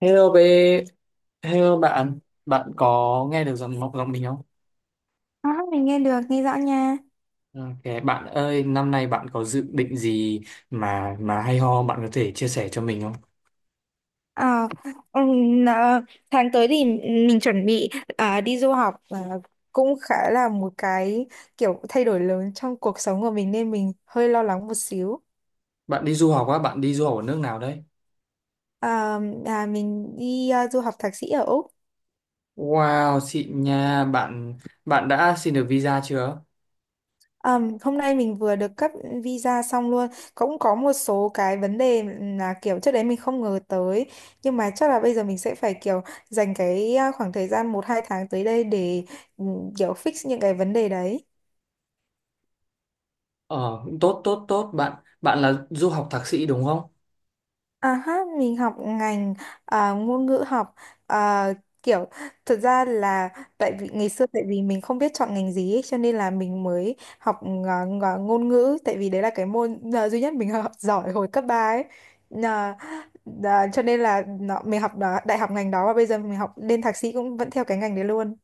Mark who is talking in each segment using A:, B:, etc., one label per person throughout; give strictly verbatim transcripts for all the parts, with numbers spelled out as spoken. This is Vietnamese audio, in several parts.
A: Hello bé, hello bạn, bạn có nghe được giọng giọng mình không?
B: À, mình nghe được, nghe rõ nha.
A: Ok, bạn ơi, năm nay bạn có dự định gì mà mà hay ho bạn có thể chia sẻ cho mình không?
B: Ờ, ừm, ờ, tháng tới thì mình chuẩn bị à, đi du học và cũng khá là một cái kiểu thay đổi lớn trong cuộc sống của mình nên mình hơi lo lắng một xíu.
A: Bạn đi du học á, bạn đi du học ở nước nào đấy?
B: À, à, mình đi à, du học thạc sĩ ở Úc.
A: Wow, xịn nha, bạn bạn đã xin được visa chưa?
B: Ờm, hôm nay mình vừa được cấp visa xong luôn. Cũng có một số cái vấn đề là kiểu trước đấy mình không ngờ tới. Nhưng mà chắc là bây giờ mình sẽ phải kiểu dành cái à, khoảng thời gian một hai tháng tới đây để ừ, kiểu fix những cái vấn đề đấy.
A: Ờ, cũng tốt tốt tốt, bạn bạn là du học thạc sĩ đúng không?
B: À ha, mình học ngành à, ngôn ngữ học à, kiểu thật ra là tại vì ngày xưa tại vì mình không biết chọn ngành gì ấy, cho nên là mình mới học ngà- ngà- ngôn ngữ tại vì đấy là cái môn à, duy nhất mình học giỏi hồi cấp ba ấy. Nà- đà- cho nên là nó, mình học đó, đại học ngành đó và bây giờ mình học lên thạc sĩ cũng vẫn theo cái ngành đấy luôn.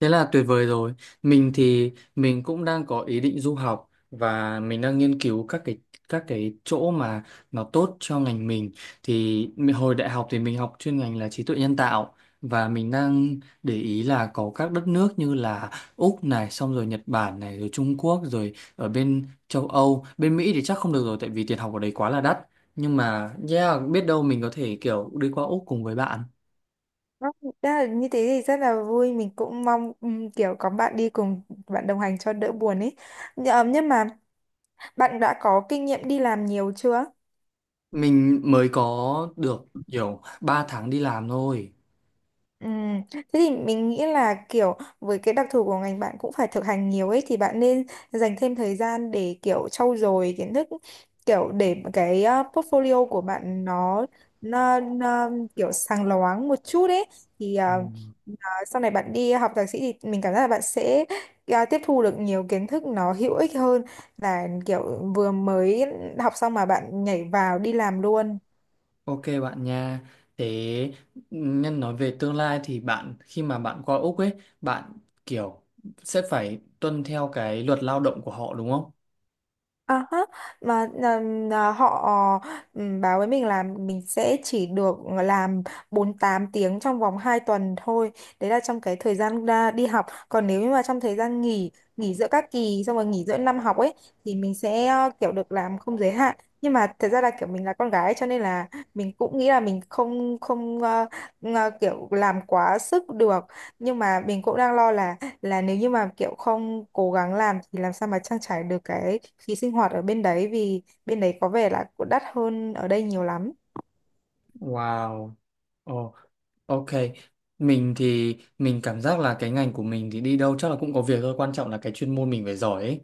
A: Thế là tuyệt vời rồi. Mình thì mình cũng đang có ý định du học và mình đang nghiên cứu các cái các cái chỗ mà nó tốt cho ngành mình. Thì mình- hồi đại học thì mình học chuyên ngành là trí tuệ nhân tạo, và mình đang để ý là có các đất nước như là Úc này, xong rồi Nhật Bản này, rồi Trung Quốc, rồi ở bên châu Âu, bên Mỹ thì chắc không được rồi tại vì tiền học ở đấy quá là đắt. Nhưng mà yeah, biết đâu mình có thể kiểu đi qua Úc cùng với bạn.
B: Đó, đó là như thế thì rất là vui, mình cũng mong ừm, kiểu có bạn đi cùng, bạn đồng hành cho đỡ buồn ấy. Nh- ờ, nhưng mà Bạn đã có kinh nghiệm đi làm nhiều chưa?
A: Mình mới có được kiểu ba tháng đi làm thôi.
B: Ừ. Thế thì mình nghĩ là kiểu với cái đặc thù của ngành, bạn cũng phải thực hành nhiều ấy, thì bạn nên dành thêm thời gian để kiểu trau dồi kiến thức, kiểu để cái ờ, portfolio của bạn nó, nó, nó kiểu sáng loáng một chút ấy, thì ờ, ờ, sau này bạn đi học thạc sĩ thì mình cảm giác là bạn sẽ ờ, tiếp thu được nhiều kiến thức nó hữu ích hơn là kiểu vừa mới học xong mà bạn nhảy vào đi làm luôn.
A: Ok bạn nha. Thế nhân nói về tương lai thì bạn khi mà bạn qua Úc ấy, bạn kiểu sẽ phải tuân theo cái luật lao động của họ đúng không?
B: À ha, mà ừm, à, họ ừm, báo với mình là mình sẽ chỉ được làm bốn mươi tám tiếng trong vòng hai tuần thôi. Đấy là trong cái thời gian ra đi học. Còn nếu như mà trong thời gian nghỉ, nghỉ giữa các kỳ xong rồi nghỉ giữa năm học ấy thì mình sẽ ờ, kiểu được làm không giới hạn. Nhưng mà thật ra là kiểu mình là con gái cho nên là mình cũng nghĩ là mình không không ờ, ngờ- kiểu làm quá sức được. Nhưng mà mình cũng đang lo là là nếu như mà kiểu không cố gắng làm thì làm sao mà trang trải được cái phí sinh hoạt ở bên đấy, vì bên đấy có vẻ là cũng đắt hơn ở đây nhiều lắm.
A: Wow. Ok, mình thì mình cảm giác là cái ngành của mình thì đi đâu chắc là cũng có việc thôi, quan trọng là cái chuyên môn mình phải giỏi ấy.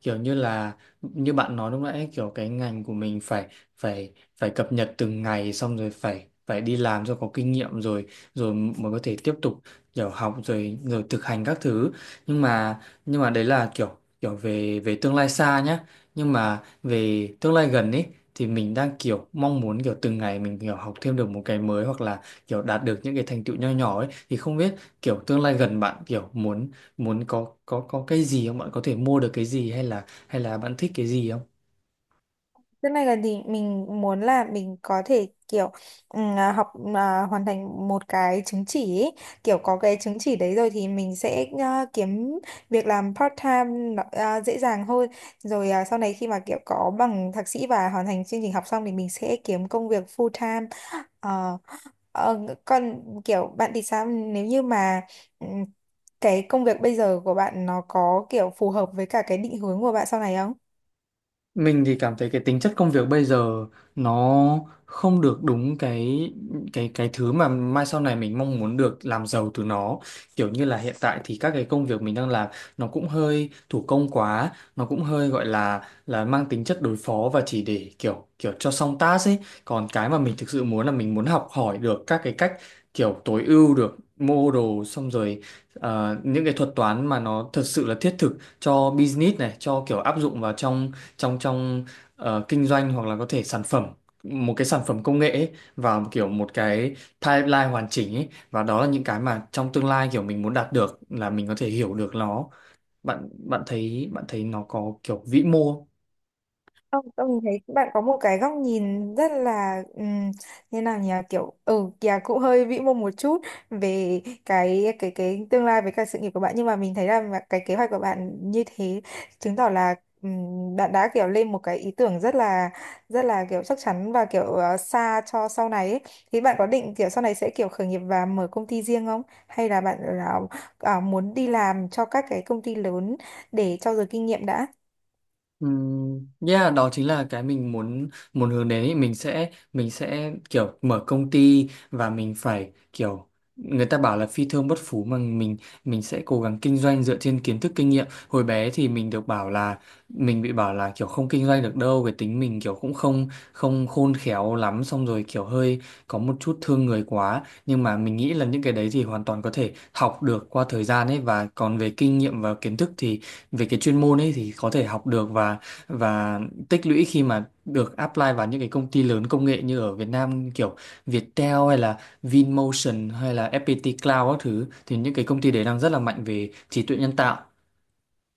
A: Kiểu như là như bạn nói lúc nãy ấy, kiểu cái ngành của mình phải phải phải cập nhật từng ngày, xong rồi phải phải đi làm cho có kinh nghiệm, rồi rồi mới có thể tiếp tục kiểu học rồi rồi thực hành các thứ. Nhưng mà nhưng mà đấy là kiểu kiểu về về tương lai xa nhá. Nhưng mà về tương lai gần ấy thì mình đang kiểu mong muốn kiểu từng ngày mình kiểu học thêm được một cái mới hoặc là kiểu đạt được những cái thành tựu nho nhỏ ấy, thì không biết kiểu tương lai gần bạn kiểu muốn muốn có có có cái gì không, bạn có thể mua được cái gì, hay là hay là bạn thích cái gì không?
B: Thế này là thì mình muốn là mình có thể kiểu ừm, à, học à, hoàn thành một cái chứng chỉ ấy. Kiểu có cái chứng chỉ đấy rồi thì mình sẽ à, kiếm việc làm part time nó- à, dễ dàng hơn. Rồi à, sau này khi mà kiểu có bằng thạc sĩ và hoàn thành chương trình học xong thì mình sẽ kiếm công việc full time. Ờ, ờ, còn kiểu bạn thì sao, nếu như mà ừm, cái công việc bây giờ của bạn nó có kiểu phù hợp với cả cái định hướng của bạn sau này?
A: Mình thì cảm thấy cái tính chất công việc bây giờ nó không được đúng cái cái cái thứ mà mai sau này mình mong muốn được làm giàu từ nó. Kiểu như là hiện tại thì các cái công việc mình đang làm nó cũng hơi thủ công quá, nó cũng hơi gọi là là mang tính chất đối phó và chỉ để kiểu kiểu cho xong task ấy. Còn cái mà mình thực sự muốn là mình muốn học hỏi được các cái cách kiểu tối ưu được model, xong rồi ờ, những cái thuật toán mà nó thật sự là thiết thực cho business này, cho kiểu áp dụng vào trong trong trong ờ, kinh doanh, hoặc là có thể sản phẩm một cái sản phẩm công nghệ ấy, vào một kiểu một cái timeline hoàn chỉnh ấy, và đó là những cái mà trong tương lai kiểu mình muốn đạt được, là mình có thể hiểu được nó. Bạn bạn thấy bạn thấy nó có kiểu vĩ mô không?
B: Không, tôi thấy bạn có một cái góc nhìn rất là um, như nào nhỉ, kiểu ừ kìa cũng hơi vĩ mô một chút về cái cái cái tương lai với cả sự nghiệp của bạn, nhưng mà mình thấy là mà cái kế hoạch của bạn như thế chứng tỏ là ừm, bạn đã kiểu lên một cái ý tưởng rất là rất là kiểu chắc chắn và kiểu ờ, xa cho sau này ấy. Thì bạn có định kiểu sau này sẽ kiểu khởi nghiệp và mở công ty riêng không, hay là bạn là ờ, muốn đi làm cho các cái công ty lớn để trau dồi kinh nghiệm đã?
A: Ừm, Yeah, đó chính là cái mình muốn muốn hướng đến ý. mình sẽ mình sẽ kiểu mở công ty, và mình phải kiểu người ta bảo là phi thương bất phú mà. mình mình sẽ cố gắng kinh doanh dựa trên kiến thức kinh nghiệm. Hồi bé thì mình được bảo là mình bị bảo là kiểu không kinh doanh được đâu, cái tính mình kiểu cũng không không khôn khéo lắm, xong rồi kiểu hơi có một chút thương người quá, nhưng mà mình nghĩ là những cái đấy thì hoàn toàn có thể học được qua thời gian ấy. Và còn về kinh nghiệm và kiến thức thì về cái chuyên môn ấy thì có thể học được, và và tích lũy khi mà được apply vào những cái công ty lớn công nghệ như ở Việt Nam, kiểu Viettel hay là Vinmotion hay là ép pê tê Cloud các thứ, thì những cái công ty đấy đang rất là mạnh về trí tuệ nhân tạo.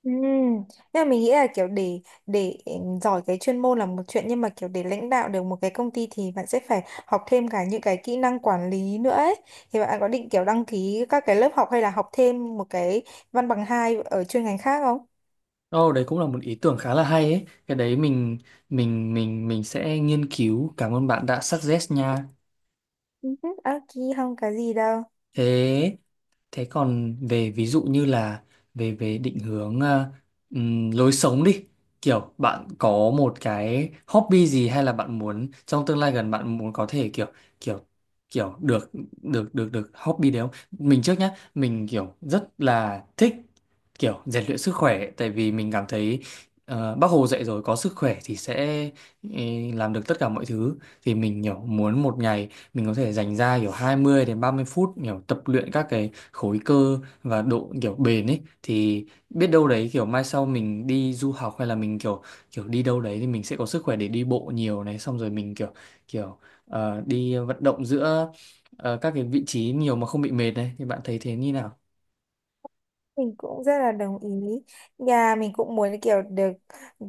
B: Ừ. Nhưng mà mình nghĩ là kiểu để để giỏi cái chuyên môn là một chuyện, nhưng mà kiểu để lãnh đạo được một cái công ty thì bạn sẽ phải học thêm cả những cái kỹ năng quản lý nữa ấy. Thì bạn có định kiểu đăng ký các cái lớp học hay là học thêm một cái văn bằng hai ở chuyên ngành khác không?
A: Ồ, đấy cũng là một ý tưởng khá là hay ấy. Cái đấy mình mình mình mình sẽ nghiên cứu. Cảm ơn bạn đã suggest nha.
B: Ừ, ok, không có gì đâu.
A: Thế thế còn về ví dụ như là về về định hướng ờ, ừm, lối sống đi, kiểu bạn có một cái hobby gì, hay là bạn muốn trong tương lai gần bạn muốn có thể kiểu kiểu kiểu được được được được hobby đấy không? Mình trước nhá, mình kiểu rất là thích kiểu rèn luyện sức khỏe, tại vì mình cảm thấy ờ, Bác Hồ dạy rồi, có sức khỏe thì sẽ ừ, làm được tất cả mọi thứ. Thì mình kiểu muốn một ngày mình có thể dành ra kiểu hai mươi đến ba mươi phút kiểu tập luyện các cái khối cơ và độ kiểu bền ấy, thì biết đâu đấy kiểu mai sau mình đi du học hay là mình kiểu kiểu đi đâu đấy, thì mình sẽ có sức khỏe để đi bộ nhiều này, xong rồi mình kiểu kiểu ờ, đi vận động giữa ờ, các cái vị trí nhiều mà không bị mệt này. Thì bạn thấy thế như nào?
B: Mình cũng rất là đồng ý. Nhà mình cũng muốn kiểu được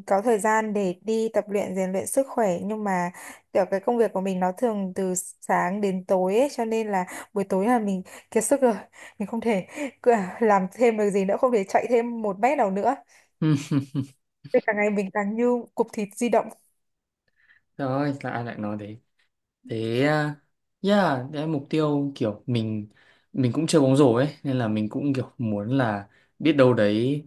B: có thời gian để đi tập luyện, rèn luyện sức khỏe, nhưng mà kiểu cái công việc của mình nó thường từ sáng đến tối ấy, cho nên là buổi tối là mình kiệt sức rồi. Mình không thể cứ- làm thêm được gì nữa, không thể chạy thêm một mét nào nữa.
A: Ừ,
B: Nên cả ngày mình càng như cục thịt di động.
A: trời ơi, là ai lại nói thế? Thế à, yeah, đấy là mục tiêu kiểu mình mình cũng chơi bóng rổ ấy, nên là mình cũng kiểu muốn là biết đâu đấy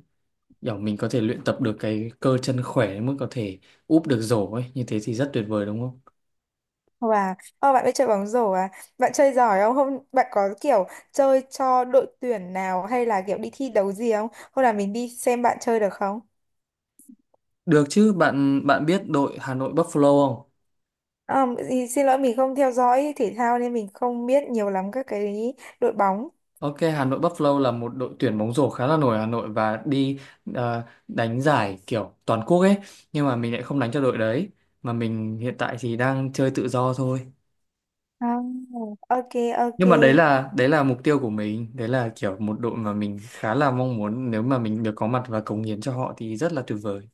A: kiểu mình có thể luyện tập được cái cơ chân khỏe đến mức có thể úp được rổ ấy, như thế thì rất tuyệt vời đúng không?
B: Và ô, bạn biết chơi bóng rổ à? Bạn chơi giỏi không? Không, bạn có kiểu chơi cho đội tuyển nào hay là kiểu đi thi đấu gì không? Hôm nào mình đi xem bạn chơi được không?
A: Được chứ bạn bạn biết đội Hà Nội Buffalo không?
B: À, thì xin lỗi, mình không theo dõi thể thao nên mình không biết nhiều lắm các cái đội bóng.
A: Ok, Hà Nội Buffalo là một đội tuyển bóng rổ khá là nổi ở Hà Nội, và đi ờ, đánh giải kiểu toàn quốc ấy, nhưng mà mình lại không đánh cho đội đấy, mà mình hiện tại thì đang chơi tự do thôi.
B: À, ok, ok.
A: Nhưng mà đấy là đấy là mục tiêu của mình, đấy là kiểu một đội mà mình khá là mong muốn, nếu mà mình được có mặt và cống hiến cho họ thì rất là tuyệt vời.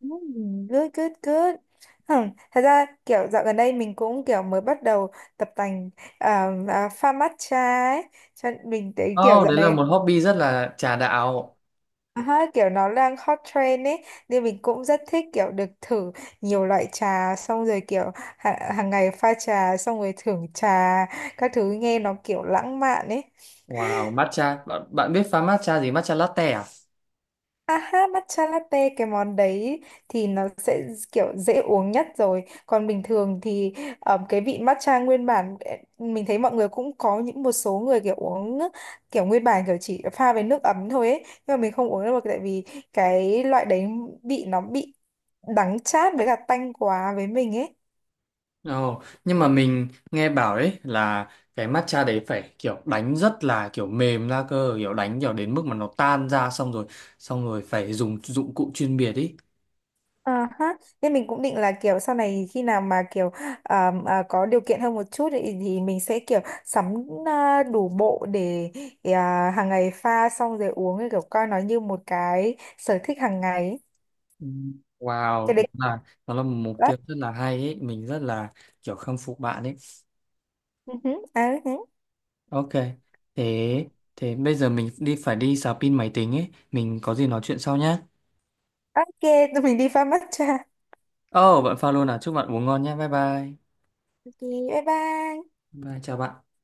B: ừm, Good, good, good. Hmm. Thật ra kiểu dạo gần đây mình cũng kiểu mới bắt đầu tập tành à, à, pha matcha ấy. Cho nên mình thấy kiểu
A: Oh,
B: dạo
A: đấy là
B: này
A: một hobby rất là trà đạo.
B: à, ha, kiểu nó đang hot trend ấy. Nên mình cũng rất thích kiểu được thử nhiều loại trà xong rồi kiểu hàng, hàng ngày pha trà xong rồi thưởng trà các thứ, nghe nó kiểu lãng mạn ấy.
A: Wow, matcha. Bạn, bạn biết pha matcha gì? Matcha latte à?
B: À ha, matcha latte cái món đấy thì nó sẽ kiểu dễ uống nhất rồi. Còn bình thường thì ờ, cái vị matcha nguyên bản ờ, mình thấy mọi người cũng có, những một số người kiểu uống kiểu nguyên bản, kiểu chỉ pha với nước ấm thôi ấy. Nhưng mà mình không uống được tại vì cái loại đấy vị nó bị đắng chát với cả tanh quá với mình ấy.
A: Ồ, nhưng mà mình nghe bảo đấy là cái matcha đấy phải kiểu đánh rất là kiểu mềm ra cơ, kiểu đánh kiểu đến mức mà nó tan ra, xong rồi, xong rồi phải dùng dụng cụ chuyên biệt ý.
B: À ha, nên mình cũng định là kiểu sau này khi nào mà kiểu à, à, có điều kiện hơn một chút thì, thì mình sẽ kiểu sắm à, đủ bộ để à, hàng ngày pha xong rồi uống thì kiểu coi nó như một cái sở thích hàng ngày.
A: Ừ.
B: Cái
A: Wow, đúng
B: đấy.
A: là nó là một mục
B: Đó.
A: tiêu rất là hay ấy, mình rất là kiểu khâm phục bạn ấy.
B: Ừ hứ, à, ừ hứ.
A: Ok. Thế thế bây giờ mình đi phải đi sạc pin máy tính ấy, mình có gì nói chuyện sau nhé.
B: Ok, tụi mình đi pha matcha.
A: Ồ, oh, bạn pha luôn à, chúc bạn uống ngon nhé. Bye bye.
B: Ok, bye bye.
A: Bye, chào bạn.